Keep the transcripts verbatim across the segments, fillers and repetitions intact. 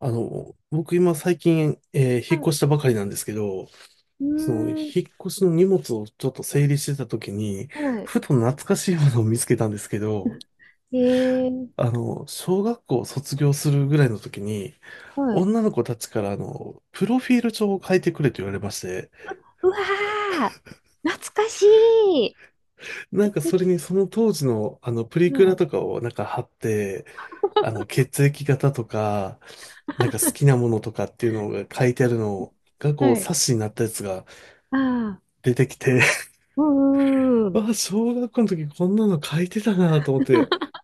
あの、僕今最近、えー引っは越い。したばかりなんですけど、うその、引っーん。越しの荷物をちょっと整理してた時に、はい。ふと懐かしいものを見つけたんですけど、ええー。あの、小学校を卒業するぐらいの時に、はい。女の子たちからあの、プロフィール帳を書いてくれと言われまして、うわー懐かしいなんかでそれき、にその当時のあの、プリクはラい。とかをなんか貼って、あの、血液型とか、なんか好き なものとかっていうのが書いてあるのが、こう、はい。冊子になったやつがああ、出てきて、うんうんうあ、ん。小学校の時こんなの書いてたなと思って、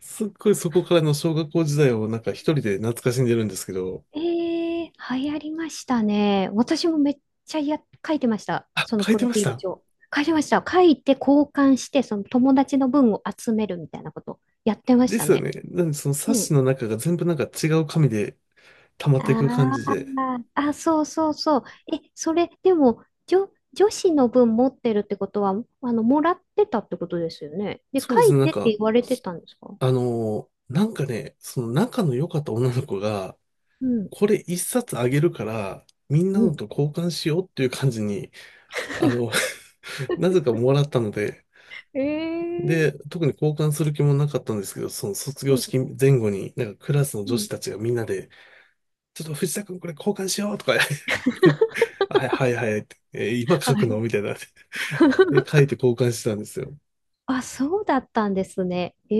すっごいそこからの小学校時代をなんか一人で懐かしんでるんですけど。ええー、流行りましたね。私もめっちゃや、書いてました。あ、その書いプてロフましィールた。帳。書いてました。書いて交換して、その友達の分を集めるみたいなことやってましでたすよね。ね。なんでその冊う子ん、の中が全部なんか違う紙で溜まっていく感あじで。あ、あ、そうそうそう。え、それ、でも、女、女子の分持ってるってことは、あの、もらってたってことですよね。で、そう書ですいね、なんてってか、言われてたんですか？あのーなんかね、その仲の良かった女の子が、うん、これ一冊あげるから、みんなうのん。と交換しようっていう感じに、あの、なぜかもらったので、ええで、ー。特に交換する気もなかったんですけど、その卒業うん、式前後に、なんかクラスのう女子ん。たちがみんなで、ちょっと藤田くんこれ交換しようとか言って、はいはいはいって、えー今書はくのい。みたいな。で、書 いて交換してたんですよ。あ、そうだったんですね。え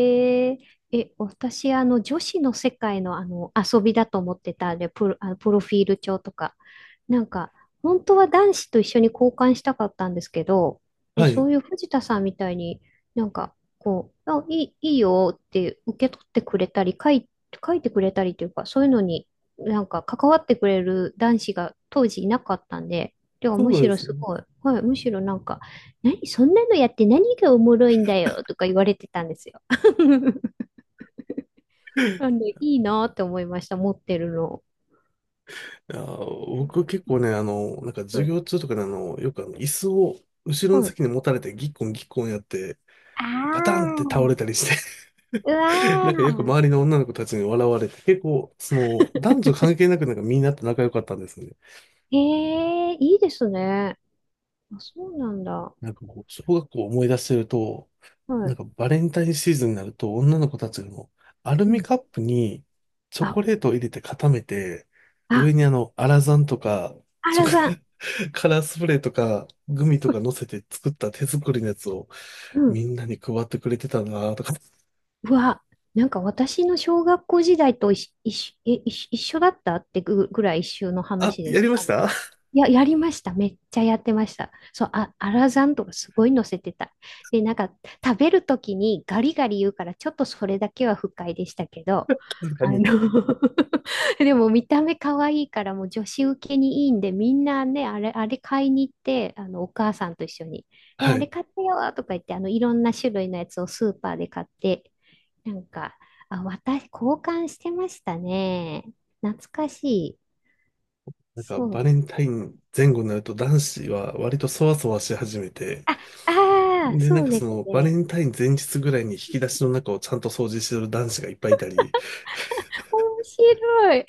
え、え、私、あの、女子の世界の、あの、遊びだと思ってたんで、プロ、あの、プロフィール帳とか。なんか、本当は男子と一緒に交換したかったんですけど、え、はそい。ういう藤田さんみたいになんか、こう、あ、いい、いいよって受け取ってくれたり、書い、書いてくれたりというか、そういうのになんか関わってくれる男子が当時いなかったんで、ではそうむなしんでろすすね。ごい、はい、むしろなんか、何そんなのやって何がおもろいんだよとか言われてたんですよ。あの、いいなって思いました、持ってるの。いやー、僕結構ね、あの、なんかは授い。業中とかであの、よくあの、椅子を後ろのはい。席に持たれてギッコンギッコンやって、あバタンって倒あ、れたりして う わなあ、んかよく周りの女の子たちに笑われて、結構、その、男女関係なくなんかみんなと仲良かったんですよね。へえ、いいですね。あ、そうなんだ。なんかこう、小学校を思い出してると、はなんかバレンタインシーズンになると、女の子たちのアルい。うミん。カップにチョあ、コレートを入れて固めて、あ、上にあの、アラザンとか、チョ原コ さん。カラースプレーとか、グミとか乗せて作った手作りのやつをうみん。んなに配ってくれてたなとか。うわ、なんか私の小学校時代と一緒、一緒、え一緒一緒だったってぐ、ぐらい一緒のあ、話でやりす。まあしの、た。 や、やりました。めっちゃやってました。そう、あ、アラザンとかすごい乗せてた。で、なんか、食べるときにガリガリ言うから、ちょっとそれだけは不快でしたけど、確かあの に。でも見た目可愛いからもう女子受けにいいんでみんなねあれ、あれ買いに行ってあのお母さんと一緒に「えはあれい。買ってよ」とか言ってあのいろんな種類のやつをスーパーで買って、なんかあ私交換してましたね。懐かしい。なんかそバう、レンタイン前後になると男子は割とそわそわし始めて、あ、ああ、で、なんそうかでそすのバレね。ンタイン前日ぐらいに引き出しの中をちゃんと掃除してる男子がいっぱいいたり、面白い。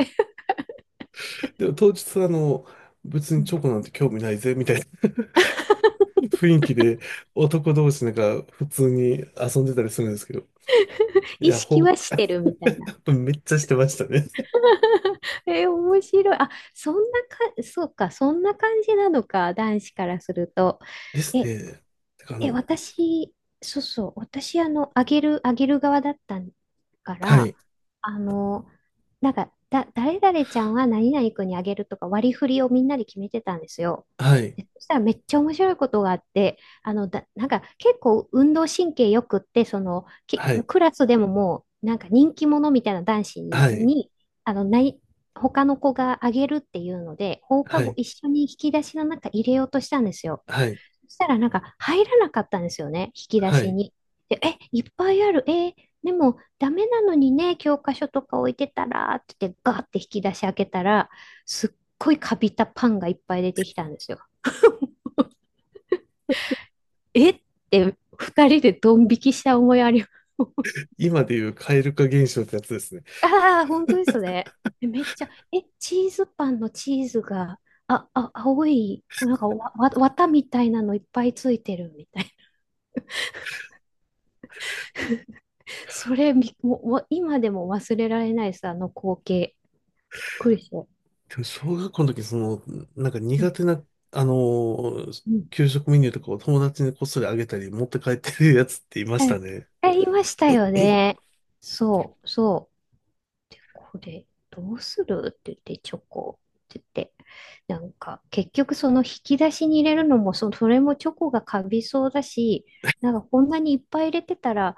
でも当日はあの、別うにチん。 ョコなんて興味ないぜ、みたいな 雰囲気で男同士なんか普通に遊んでたりするんですけど、い意や、識ほ、はしてるみたいな。めっちゃしてましたね。え、面白い。あ、そんなか、そうか、そんな感じなのか、男子からすると。ですえ、ね。てかあえ、の、私、そうそう、私、あの、あげる、あげる側だったかはら、い、あの、なんか、だ、誰々ちゃんは何々君にあげるとか割り振りをみんなで決めてたんですよ。はい、でそしたらめっちゃ面白いことがあって、あの、だ、なんか結構運動神経よくって、その、き、はい、クラスでももう、なんか人気者みたいな男子に、はい、に、あの、ない、他の子があげるっていうので、放課は後い、一緒に引き出しの中入れようとしたんですよ。はい、そしたらなんか入らなかったんですよね、引き出はしい。に。で、え、いっぱいある、えーでもダメなのにね、教科書とか置いてたらって言ってガーって引き出し開けたら、すっごいカビたパンがいっぱい出てきたんですよ。えって二人でドン引きした思いあります。今でいう蛙化現象ってやつですね。ああ、本当ですね。めっちゃ、え、チーズパンのチーズが、あ、あ、青い、なんかわ、わ、綿みたいなのいっぱいついてるみたいな。それびもう、も今でも忘れられないです、あの光景。びっくりした。でも小学校の時、その、なんかう苦ん手な、あのーうん。給食メニューとかを友達にこっそりあげたり、持って帰ってるやつっていましたえ、ね。え、いましたよね。そう、そう。で、これ、どうするって言って、チョコって言って。なんか、結局その引き出しに入れるのも、そ、それもチョコがカビそうだし、なんかこんなにいっぱい入れてたら、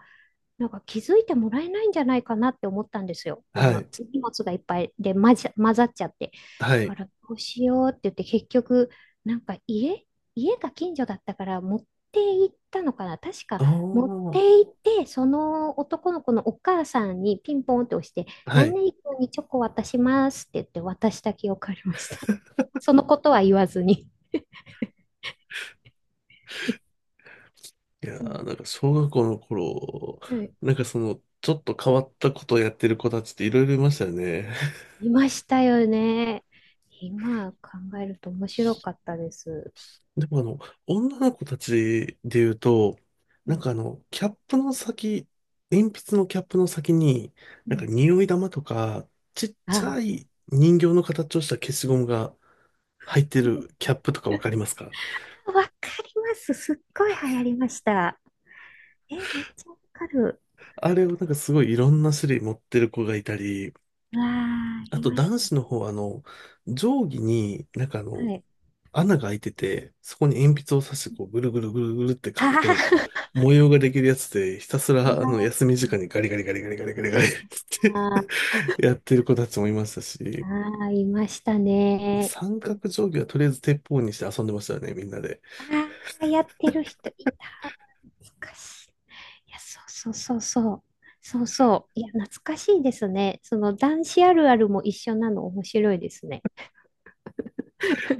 なんか気づいてもらえないんじゃないかなって思ったんですよ。こはのい。荷物がいっぱいで混ざ、混ざっちゃって。はだかい。らどうしようって言って結局なんか家、家が近所だったから持って行ったのかな。確かあ持ってあ、行ってその男の子のお母さんにピンポンって押しては何い。々君にチョコ渡しますって言って渡した記憶ありました。そのことは言わずに。いやうん。ー、なんか小学校の頃、はい。なんかその、ちょっと変わったことをやってる子たちっていろいろいましたよね。いましたよね。今考えると面白かったです。でもあの、女の子たちで言うと、うなんんかあの、キャップの先、鉛筆のキャップの先に、うなんかん。匂い玉とか、ちっちゃあい人形の形をした消しゴムが入ってるキャップとかわかりますか？あ、わかります。すっごい流行りました。え、めっちゃわかる。あれをなんかすごいいろんな種類持ってる子がいたり、わあ、あいとまし男た。子の方はあの、定規になんかあはの、い。穴が開いてて、そこに鉛筆を刺して、こう、ぐるぐるぐるぐるってあ書くと、ー 模様ができるやつで、ひたすら、あの、あ、休み時間にガリガリガリガリガリガリガリって やってる子たちもいましたあ、し、あ、いましたね。三角ぷ、定規はとりあえず鉄砲にして遊んでましたよね、みんなで。ああ、やってる人いた。懐かしい。いや、そうそうそうそう。そうそう。いや、懐かしいですね。その男子あるあるも一緒なの面白いですね。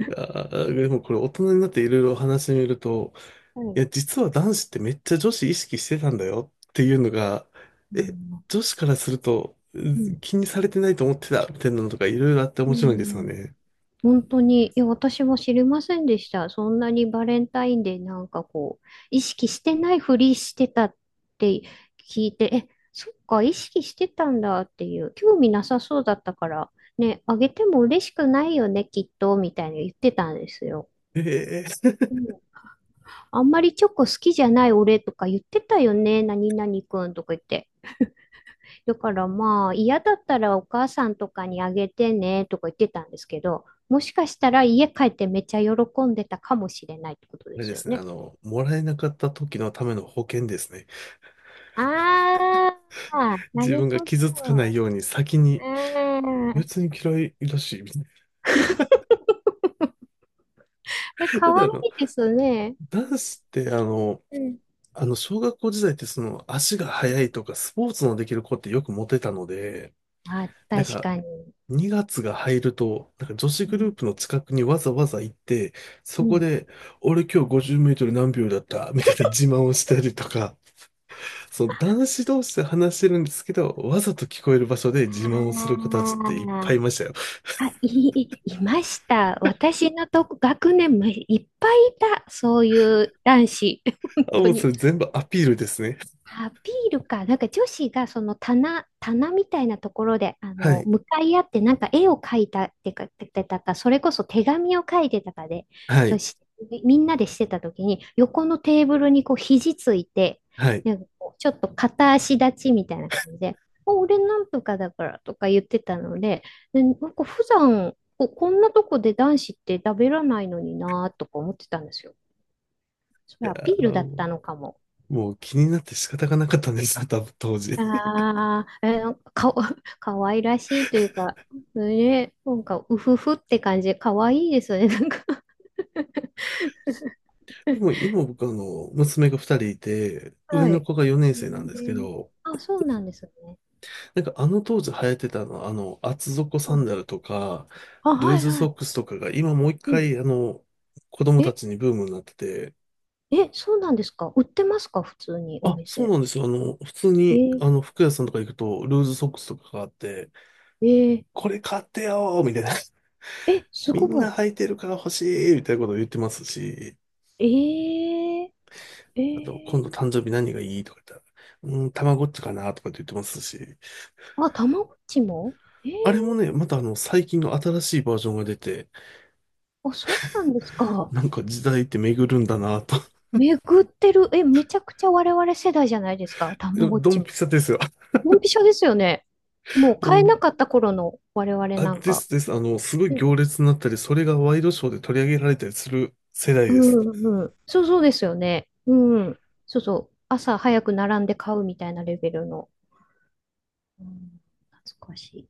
いや ー、でもこれ大人になっていろいろ話してみると、はいい。や、実は男子ってめっちゃ女子意識してたんだよっていうのが、うえ、ん。女子からすると、ううんん。気にされてないと思ってた、みたいなのとかいろいろあってう面白いんですよん、ね。本当に、いや、私も知りませんでした。そんなにバレンタインデーなんかこう、意識してないふりしてたって聞いて、え、そっか、意識してたんだっていう、興味なさそうだったから、ね、あげても嬉しくないよね、きっと、みたいに言ってたんですよ。ええ、うん。あんまりチョコ好きじゃない俺とか言ってたよね、何々くんとか言って。だからまあ嫌だったらお母さんとかにあげてねとか言ってたんですけど、もしかしたら家帰ってめっちゃ喜んでたかもしれないってことであれすでよすね、あね。の、もらえなかった時のための保険ですね。ああ、な自る分がほ傷つかないど。ように先に、うん。別に嫌いらしい、みたいな。 え、だかってわあいの、いですね。男子ってあの、うん。あの、小学校時代ってその足が速いとかスポーツのできる子ってよくモテたので、あ、なん確かかに。にがつが入ると、なんか女子うグルーん。プの近くにわざわざ行って、うそこん。で、俺今日ごじゅうメートル何秒だったみたいな自慢をしたりとか、そう、男子同士で話してるんですけど、わざと聞こえる場所であ自慢をする子たちっていっぱー、いいましたよ。あ、い、いました。私のとこ、学年もいっぱいいた。そういう男子。本あ、当もうそに。れ全部アピールですね。アピールか。なんか女子がその棚、棚みたいなところで、あはの、い、向かい合ってなんか絵を描いたってか、ててたか、それこそ手紙を書いてたかで、はそい、しみんなでしてた時に、横のテーブルにこう肘ついて、はい。いなんかこうちょっと片足立ちみたいな感じで、お、俺なんとかだからとか言ってたので、でなんか普段こ、こんなとこで男子って食べらないのになとか思ってたんですよ。それアピやーールだっもたのかも。うもう気になって仕方がなかったんです、多分当時。ああ、えー、かわ、かわいらしいというか、ね、なんか、うふふって感じ、かわいいですね、なんか でも 今僕あの、娘が二人いて、上はい。のえ子がよねん生なんですけー、ど、あ、そうなんですね。なんかあの当時流行ってたの、あの、厚底サうンん。ダルとか、あ、ルーはいズはソい。ックスとかが今もう一うん。回あの、子供たえ、ちにブームになってて。え、そうなんですか、売ってますか普通におあ、そう店。なんですよ。あの、普通えに、ー、あの、服屋さんとか行くと、ルーズソックスとかがあって、えー、これ買ってよーみたいな。え、すみんごない。履いてるから欲しいみたいなことを言ってますし、えー、えあと、今ー、度誕生日何がいいとか言ったら、うん、たまごっちかなとかって言ってますし、あ、たまごっちも、えー、あれもね、またあの、最近の新しいバージョンが出て、あ、そうなんですか。なんか時代って巡るんだなと。え、巡ってる。え、めちゃくちゃ我々世代じゃないですか、たま ごっドちンも。ピシャですよ。ドンピシャですよね。も うう買えなん。かった頃の我々あ、なんでか。すです。あの、すごいうん行列になったり、それがワイドショーで取り上げられたりする世代うです。んうん。そうそうですよね。うん。そうそう。朝早く並んで買うみたいなレベルの。うん、懐かしい。